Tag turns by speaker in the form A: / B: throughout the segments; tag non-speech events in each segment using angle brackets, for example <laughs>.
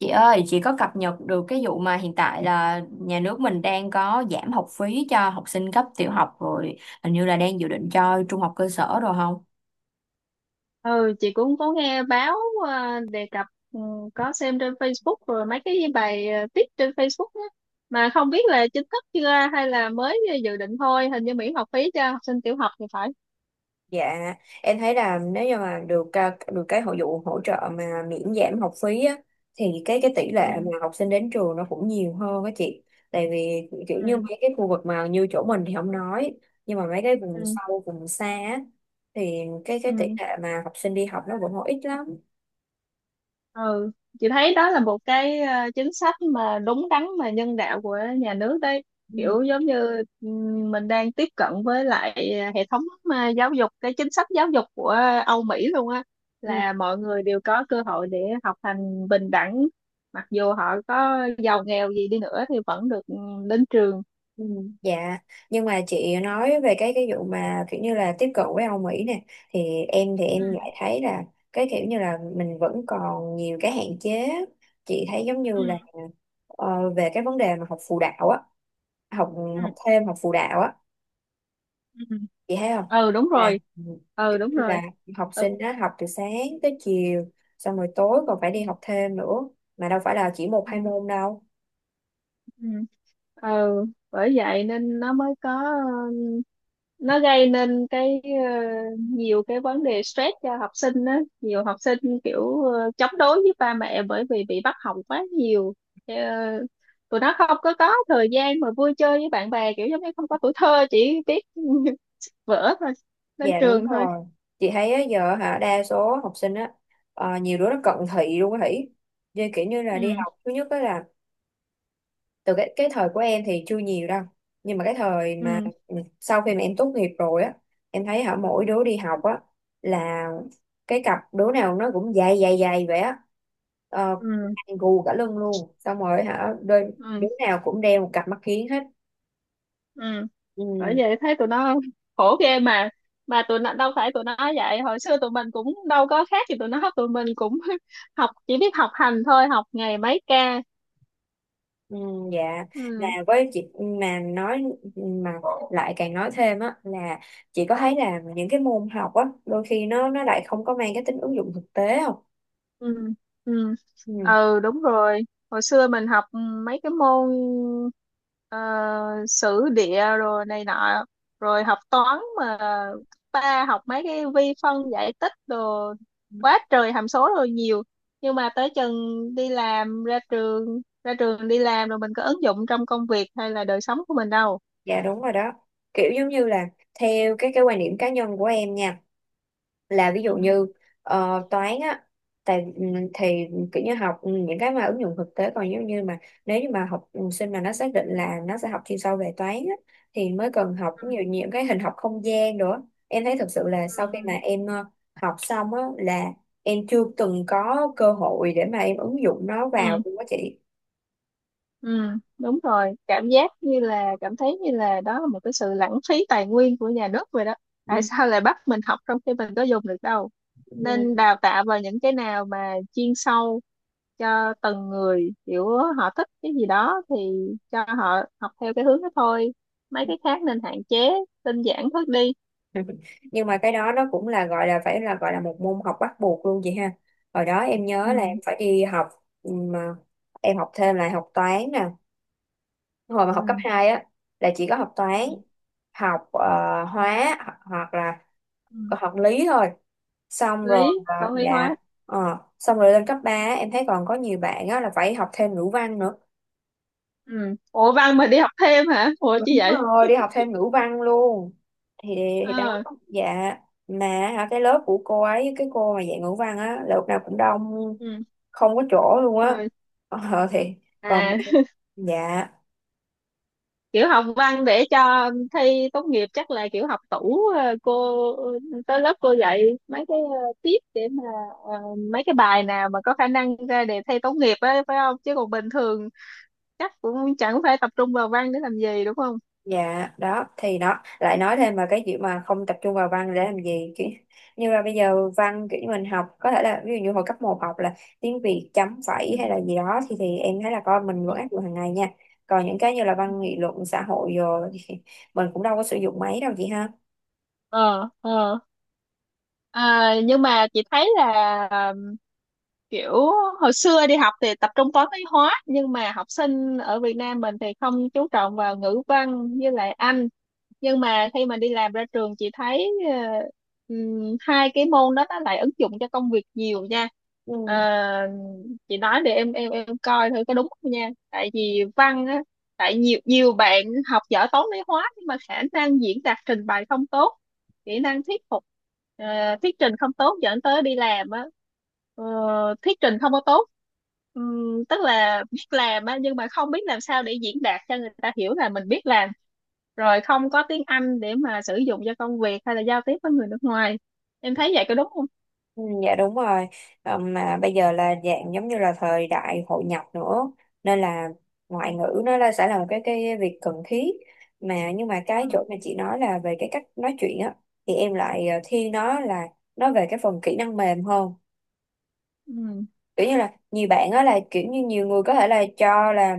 A: Chị ơi, chị có cập nhật được cái vụ mà hiện tại là nhà nước mình đang có giảm học phí cho học sinh cấp tiểu học rồi, hình như là đang dự định cho trung học cơ sở rồi không?
B: Ừ, chị cũng có nghe báo ờ, đề cập. Ừ, có xem trên Facebook rồi mấy cái bài viết trên Facebook á, mà không biết là chính thức chưa hay là mới dự định thôi, hình như miễn học phí cho học sinh tiểu học thì phải.
A: Dạ, em thấy là nếu như mà được cái hội vụ hỗ trợ mà miễn giảm học phí á, thì cái tỷ
B: Ừ.
A: lệ mà học sinh đến trường nó cũng nhiều hơn á chị. Tại vì kiểu như
B: Ừ.
A: mấy cái khu vực mà như chỗ mình thì không nói, nhưng mà mấy cái vùng
B: Ừ.
A: sâu, vùng xa á, thì cái tỷ
B: Ừ.
A: lệ mà học sinh đi học nó vẫn còn ít lắm.
B: Ừ, chị thấy đó là một cái chính sách mà đúng đắn mà nhân đạo của nhà nước đấy. Kiểu giống như mình đang tiếp cận với lại hệ thống giáo dục, cái chính sách giáo dục của Âu Mỹ luôn á,
A: Ừ.
B: là mọi người đều có cơ hội để học hành bình đẳng, mặc dù họ có giàu nghèo gì đi nữa thì vẫn được đến trường.
A: Ừ, dạ, nhưng mà chị nói về cái vụ mà kiểu như là tiếp cận với Âu Mỹ nè, thì em thì
B: Ừ.
A: em lại thấy là cái kiểu như là mình vẫn còn nhiều cái hạn chế. Chị thấy giống như là
B: Ừ.
A: về cái vấn đề mà học phụ đạo á, học
B: Ừ.
A: học thêm học phụ đạo á,
B: Ừ.
A: chị thấy không,
B: Ừ đúng
A: là
B: rồi.
A: ừ,
B: Ừ đúng rồi.
A: là học
B: Ừ.
A: sinh đó học từ sáng tới chiều, xong rồi tối còn phải đi học thêm nữa, mà đâu phải là chỉ một
B: Ừ.
A: hai môn đâu.
B: Ừ. Ừ, bởi vậy nên nó mới có nó gây nên cái nhiều cái vấn đề stress cho học sinh á, nhiều học sinh kiểu chống đối với ba mẹ, bởi vì bị bắt học quá nhiều. Ờ, Tụi nó không có thời gian mà vui chơi với bạn bè, kiểu giống như không có tuổi thơ, chỉ biết <laughs> vỡ thôi, lên
A: Dạ đúng
B: trường thôi.
A: rồi. Chị thấy á, giờ hả đa số học sinh á, nhiều đứa nó cận thị luôn á Hỷ. Như kiểu như là đi
B: Ừ.
A: học, thứ nhất đó là từ cái thời của em thì chưa nhiều đâu. Nhưng mà cái thời mà
B: Ừ.
A: sau khi mà em tốt nghiệp rồi á, em thấy hả mỗi đứa đi học á là cái cặp đứa nào nó cũng dày dày dày vậy á. Ờ,
B: Ừ.
A: gù cả lưng luôn. Xong rồi hả đôi đứa
B: Ừ.
A: nào cũng đeo một cặp mắt kiếng hết.
B: Ừ,
A: Ừ.
B: bởi vậy thấy tụi nó khổ ghê mà. Mà tụi nó đâu phải tụi nó vậy, hồi xưa tụi mình cũng đâu có khác gì tụi nó, tụi mình cũng <laughs> học, chỉ biết học hành thôi, học ngày mấy ca.
A: Ừ, dạ, là
B: Ừ.
A: với chị mà nói, mà lại càng nói thêm á, là chị có thấy là những cái môn học á đôi khi nó lại không có mang cái tính ứng dụng thực tế không?
B: Ừ. Ừ.
A: Ừ,
B: Ừ đúng rồi. Hồi xưa mình học mấy cái môn ờ, sử địa rồi này nọ, rồi học toán mà, cấp ba học mấy cái vi phân giải tích đồ quá trời hàm số rồi nhiều. Nhưng mà tới chừng đi làm ra trường đi làm rồi, mình có ứng dụng trong công việc hay là đời sống của mình đâu.
A: dạ đúng rồi đó, kiểu giống như là theo cái quan điểm cá nhân của em nha, là ví
B: Ừ.
A: dụ như toán á, tại ừ, thì kiểu như học những cái mà ứng dụng thực tế. Còn giống như mà nếu như mà học sinh mà nó xác định là nó sẽ học chuyên sâu về toán á, thì mới cần học nhiều nhiều cái hình học không gian nữa. Em thấy thực sự là
B: Ừ.
A: sau khi
B: Ừ.
A: mà em học xong á, là em chưa từng có cơ hội để mà em ứng dụng nó vào
B: Ừ.
A: luôn á chị.
B: Ừ, đúng rồi, cảm giác như là đó là một cái sự lãng phí tài nguyên của nhà nước vậy đó. Tại
A: Ừ.
B: sao lại bắt mình học trong khi mình có dùng được đâu? Nên
A: Ừ.
B: đào tạo vào những cái nào mà chuyên sâu cho từng người, kiểu họ thích cái gì đó thì cho họ học theo cái hướng đó thôi. Mấy cái khác nên hạn chế, tinh giản bớt đi.
A: <laughs> Nhưng mà cái đó nó cũng là gọi là, phải là một môn học bắt buộc luôn vậy ha. Hồi đó em nhớ là em
B: Ừ.
A: phải đi học, mà em học thêm lại học toán nè, hồi mà học cấp
B: Ừ.
A: 2 á, là chỉ có học
B: Ừ.
A: toán, học
B: Ừ,
A: hóa, hoặc là
B: ừ.
A: học lý thôi. Xong rồi
B: Lý, toán lý
A: dạ,
B: hóa.
A: xong rồi lên cấp ba, em thấy còn có nhiều bạn á là phải học thêm ngữ văn nữa.
B: Ừ. Ủa, văn mà đi học thêm hả? Ủa, chi
A: Đúng
B: vậy?
A: rồi, đi học thêm ngữ văn luôn. Thì thì đó,
B: Ờ.
A: dạ. Mà hả, cái lớp của cô ấy, cái cô mà dạy ngữ văn á, lớp nào cũng đông,
B: Ừ.
A: không có chỗ luôn á.
B: Rồi.
A: Ờ, thì còn
B: À,
A: dạ.
B: kiểu học văn để cho thi tốt nghiệp chắc là kiểu học tủ, cô tới lớp cô dạy mấy cái tips để mà ờ, mấy cái bài nào mà có khả năng ra đề thi tốt nghiệp á, phải không? Chứ còn bình thường chắc cũng chẳng phải tập trung vào văn để làm gì, đúng không?
A: Dạ, đó thì nó lại nói thêm mà cái chuyện mà không tập trung vào văn để làm gì, kiểu như là bây giờ văn, kiểu như mình học có thể là ví dụ như hồi cấp một học là tiếng Việt, chấm
B: Ừ.
A: phẩy hay là gì đó, thì em thấy là con mình
B: Ừ.
A: vẫn áp dụng hàng ngày nha. Còn những cái như là văn nghị luận xã hội rồi thì mình cũng đâu có sử dụng máy đâu chị ha.
B: ờ ờ À, nhưng mà chị thấy là, kiểu hồi xưa đi học thì tập trung toán lý hóa, nhưng mà học sinh ở Việt Nam mình thì không chú trọng vào ngữ văn với lại Anh. Nhưng mà khi mà đi làm ra trường, chị thấy hai cái môn đó nó lại ứng dụng cho công việc nhiều nha.
A: Ừ.
B: Ờ, chị nói để em coi thử có đúng không nha, tại vì văn á, tại nhiều nhiều bạn học giỏi toán lý hóa nhưng mà khả năng diễn đạt trình bày không tốt, kỹ năng thuyết phục, ờ, thuyết trình không tốt, dẫn tới đi làm á, Ờ, thuyết trình không có tốt. Tức là biết làm á nhưng mà không biết làm sao để diễn đạt cho người ta hiểu là mình biết làm, rồi không có tiếng Anh để mà sử dụng cho công việc hay là giao tiếp với người nước ngoài. Em thấy vậy có đúng không?
A: Ừ, dạ đúng rồi. Mà bây giờ là dạng giống như là thời đại hội nhập nữa, nên là ngoại ngữ nó là sẽ là một cái việc cần thiết. Mà nhưng mà cái
B: Ừ.
A: chỗ mà chị nói là về cái cách nói chuyện á, thì em lại thiên nó về cái phần kỹ năng mềm hơn.
B: Ừ.
A: Kiểu như là nhiều bạn á, là kiểu như nhiều người có thể là cho là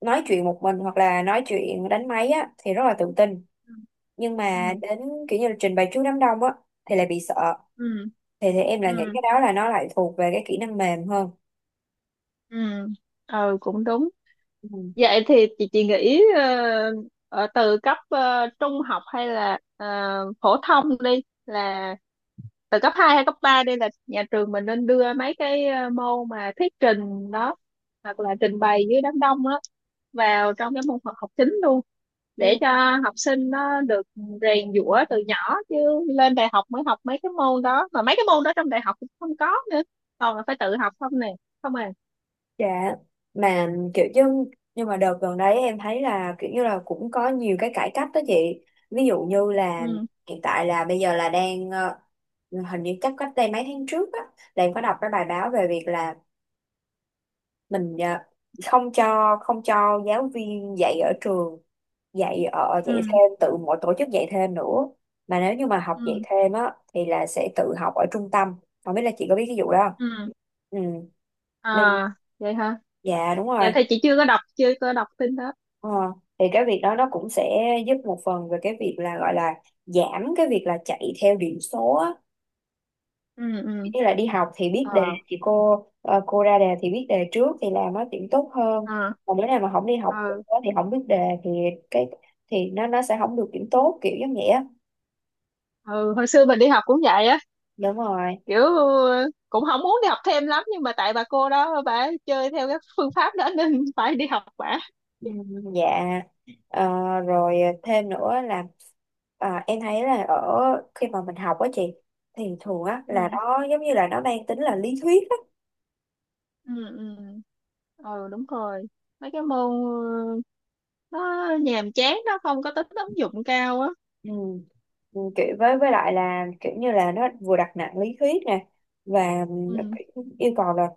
A: nói chuyện một mình hoặc là nói chuyện đánh máy á thì rất là tự tin,
B: Ừ.
A: nhưng
B: Ừ.
A: mà đến kiểu như là trình bày trước đám đông á thì lại bị sợ.
B: Ừ.
A: Thì em lại
B: Ừ.
A: nghĩ cái đó là nó lại thuộc về cái kỹ năng mềm hơn.
B: Ừ. Ừ. Ừ, cũng đúng.
A: Ừ.
B: Vậy thì chị nghĩ ở từ cấp trung học hay là phổ thông đi, là từ cấp 2 hay cấp 3 đi, là nhà trường mình nên đưa mấy cái môn mà thuyết trình đó hoặc là trình bày dưới đám đông á vào trong cái môn học học chính luôn, để
A: Ừ,
B: cho học sinh nó được rèn giũa từ nhỏ. Chứ lên đại học mới học mấy cái môn đó, mà mấy cái môn đó trong đại học cũng không có nữa, còn là phải tự học không nè, không à.
A: dạ. Mà kiểu như, nhưng mà đợt gần đấy em thấy là kiểu như là cũng có nhiều cái cải cách đó chị. Ví dụ như là
B: Ừ.
A: hiện tại là bây giờ là đang hình như chắc cách đây mấy tháng trước á, là em có đọc cái bài báo về việc là mình không cho giáo viên dạy ở trường, dạy
B: Ừ.
A: thêm, tự mỗi tổ chức dạy thêm nữa. Mà nếu như mà
B: Ừ.
A: học dạy thêm á thì là sẽ tự học ở trung tâm, không biết là chị có biết cái vụ đó
B: Ừ.
A: không. Ừ, nên,
B: À, vậy hả?
A: dạ đúng
B: Dạ
A: rồi.
B: thì chị chưa có đọc, tin hết.
A: ờ. Thì cái việc đó nó cũng sẽ giúp một phần về cái việc là, gọi là giảm cái việc là chạy theo điểm số á.
B: Ừ. Ừ.
A: Như là đi học thì biết đề,
B: ờ
A: thì cô ra đề thì biết đề trước thì làm nó điểm tốt hơn.
B: ờ
A: Còn nếu nào mà không đi học
B: ờ
A: thì không biết đề, thì cái thì nó sẽ không được điểm tốt, kiểu giống vậy á.
B: ừ. Hồi xưa mình đi học cũng vậy á,
A: Đúng rồi.
B: kiểu cũng không muốn đi học thêm lắm, nhưng mà tại bà cô đó bà chơi theo cái phương pháp đó nên <laughs> phải đi học bả.
A: Ừ, dạ. Ờ, Rồi, thêm nữa là à, em thấy là ở khi mà mình học á chị, thì thường á là
B: Ừ.
A: nó giống như là nó mang tính là lý thuyết á.
B: Ừ. Ừ. Ừ đúng rồi. Mấy cái môn nó nhàm chán, nó không có tính ứng dụng cao á.
A: Ừ. Ừ, kiểu với lại là kiểu như là nó vừa đặt nặng lý thuyết nè, và nó
B: Ừ.
A: yêu cầu là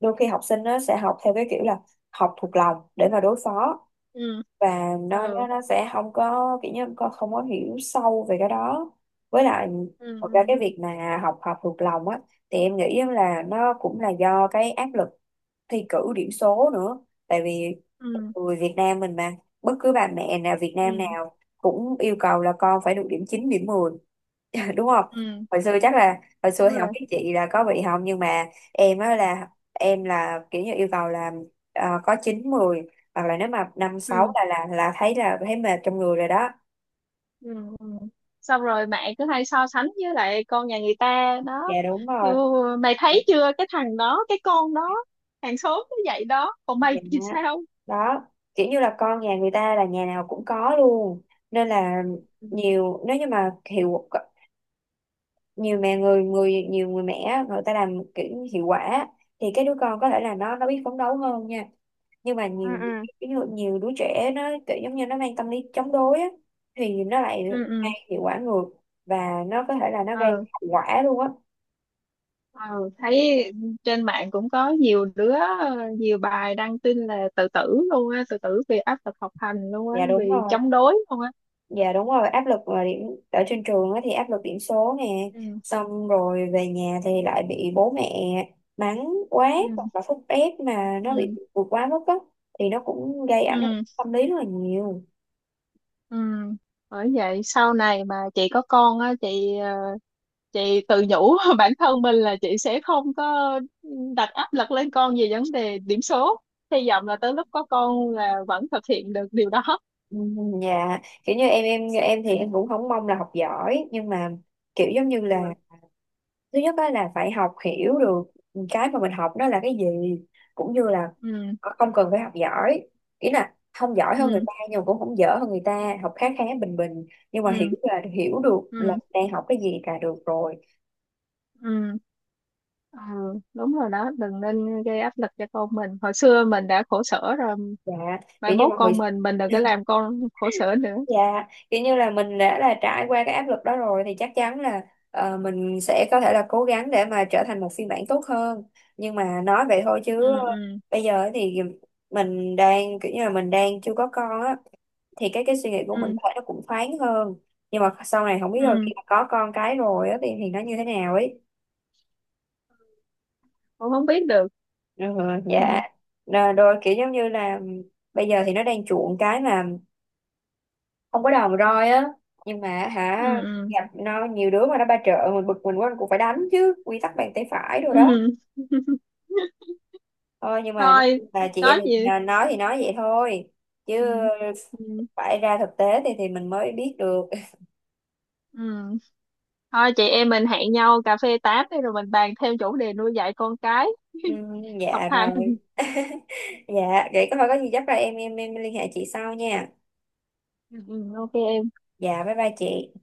A: đôi khi học sinh nó sẽ học theo cái kiểu là học thuộc lòng để mà đối phó,
B: Ừ.
A: và nó
B: Ừ.
A: nó nó sẽ không có kiểu như con không có hiểu sâu về cái đó. Với lại
B: Ừ.
A: thật ra cái
B: Ừ.
A: việc mà học học thuộc lòng á, thì em nghĩ á là nó cũng là do cái áp lực thi cử điểm số nữa. Tại vì
B: Ừ.
A: người Việt Nam mình mà, bất cứ bà mẹ nào Việt Nam
B: Ừ.
A: nào cũng yêu cầu là con phải được điểm 9 điểm 10, <laughs> đúng không?
B: Ừ,
A: hồi xưa chắc là hồi
B: đúng
A: xưa thì không
B: rồi.
A: biết chị là có bị không, nhưng mà em á là em là kiểu như yêu cầu là có 9, 10, hoặc là nếu mà 5, 6
B: Ừ.
A: là thấy là thấy mệt trong người rồi đó.
B: Ừ. Ừ. Xong rồi mẹ cứ hay so sánh với lại con nhà người ta
A: Dạ
B: đó.
A: đúng
B: Như,
A: rồi.
B: mày
A: Dạ,
B: thấy chưa, cái thằng đó, cái con đó, hàng xóm nó vậy đó, còn mày
A: dạ.
B: thì sao?
A: Đó, kiểu như là con nhà người ta là nhà nào cũng có luôn, nên là
B: Ừ.
A: nhiều, nếu như mà hiệu nhiều người mẹ người ta làm kiểu như hiệu quả thì cái đứa con có thể là nó biết phấn đấu hơn nha. Nhưng mà nhiều,
B: Ừ.
A: ví dụ nhiều đứa trẻ nó kiểu giống như nó mang tâm lý chống đối á, thì nó lại
B: Ừ.
A: gây
B: Ừ.
A: hiệu quả ngược, và nó có thể là nó gây
B: Ừ.
A: hậu quả luôn á.
B: Ừ, thấy trên mạng cũng có nhiều đứa, nhiều bài đăng tin là tự tử luôn á, tự tử vì áp lực học hành luôn á,
A: Dạ đúng
B: vì
A: rồi.
B: chống đối luôn á.
A: Dạ đúng rồi, áp lực mà điểm ở trên trường á thì áp lực điểm số nè,
B: Ừ.
A: xong rồi về nhà thì lại bị bố mẹ mắng quá, hoặc
B: Ừ.
A: là thúc ép mà nó bị
B: Ừ.
A: vượt quá mức á, thì nó cũng gây ảnh hưởng
B: Ừ.
A: tâm lý rất là nhiều.
B: Ừ, bởi vậy sau này mà chị có con á, chị tự nhủ <laughs> bản thân mình là chị sẽ không có đặt áp lực lên con về vấn đề điểm số. Hy vọng là tới lúc có con là vẫn thực hiện được điều đó.
A: Ừ, dạ. Kiểu như em, như em thì em cũng không mong là học giỏi, nhưng mà kiểu giống như là,
B: Ừ.
A: thứ nhất đó là phải học hiểu được cái mà mình học đó là cái gì. Cũng như là
B: Ừ.
A: không cần phải học giỏi, ý là không giỏi hơn người
B: Ừ.
A: ta, nhưng mà cũng không dở hơn người ta, học khá khá bình bình, nhưng
B: Ừ.
A: mà hiểu là hiểu được là
B: Ừ.
A: đang học cái gì là được rồi.
B: Ừ. Ừ, đúng rồi đó, đừng nên gây áp lực cho con mình, hồi xưa mình đã khổ sở rồi,
A: Dạ,
B: mai
A: kiểu như
B: mốt
A: mọi người
B: con mình đừng có làm con khổ sở nữa.
A: dạ, kiểu như là mình đã là trải qua cái áp lực đó rồi thì chắc chắn là mình sẽ có thể là cố gắng để mà trở thành một phiên bản tốt hơn. Nhưng mà nói vậy thôi chứ
B: Ừ. Ừ.
A: bây giờ thì mình đang kiểu như là mình đang chưa có con á, thì cái suy nghĩ của mình
B: Ừ.
A: có thể nó cũng thoáng hơn. Nhưng mà sau này không biết rồi
B: Ừ.
A: khi mà có con cái rồi á thì nó như thế nào ấy.
B: Con không biết được.
A: Ừ,
B: <laughs>
A: dạ.
B: Ừ.
A: Rồi, rồi, kiểu giống như là bây giờ thì nó đang chuộng cái mà không có đòn roi á, nhưng mà hả,
B: Ừ.
A: gặp nó nhiều đứa mà nó ba trợ, mình bực mình quá mình cũng phải đánh chứ, quy tắc bàn tay phải rồi đó.
B: Ừ. <laughs>
A: Thôi nhưng mà nếu
B: Thôi,
A: như mà chị em
B: có
A: mình
B: gì.
A: à, nói thì nói vậy thôi chứ
B: Ừ. Ừ.
A: phải ra thực tế thì mình mới biết được. <laughs>
B: Ừ. Thôi chị em mình hẹn nhau cà phê tám đi, rồi mình bàn thêm chủ đề nuôi dạy con cái <laughs> học
A: Dạ
B: hành.
A: rồi. <laughs> Dạ vậy có thôi, có gì chắc là em liên hệ chị sau nha.
B: Ừ, OK em.
A: Dạ bye bye chị.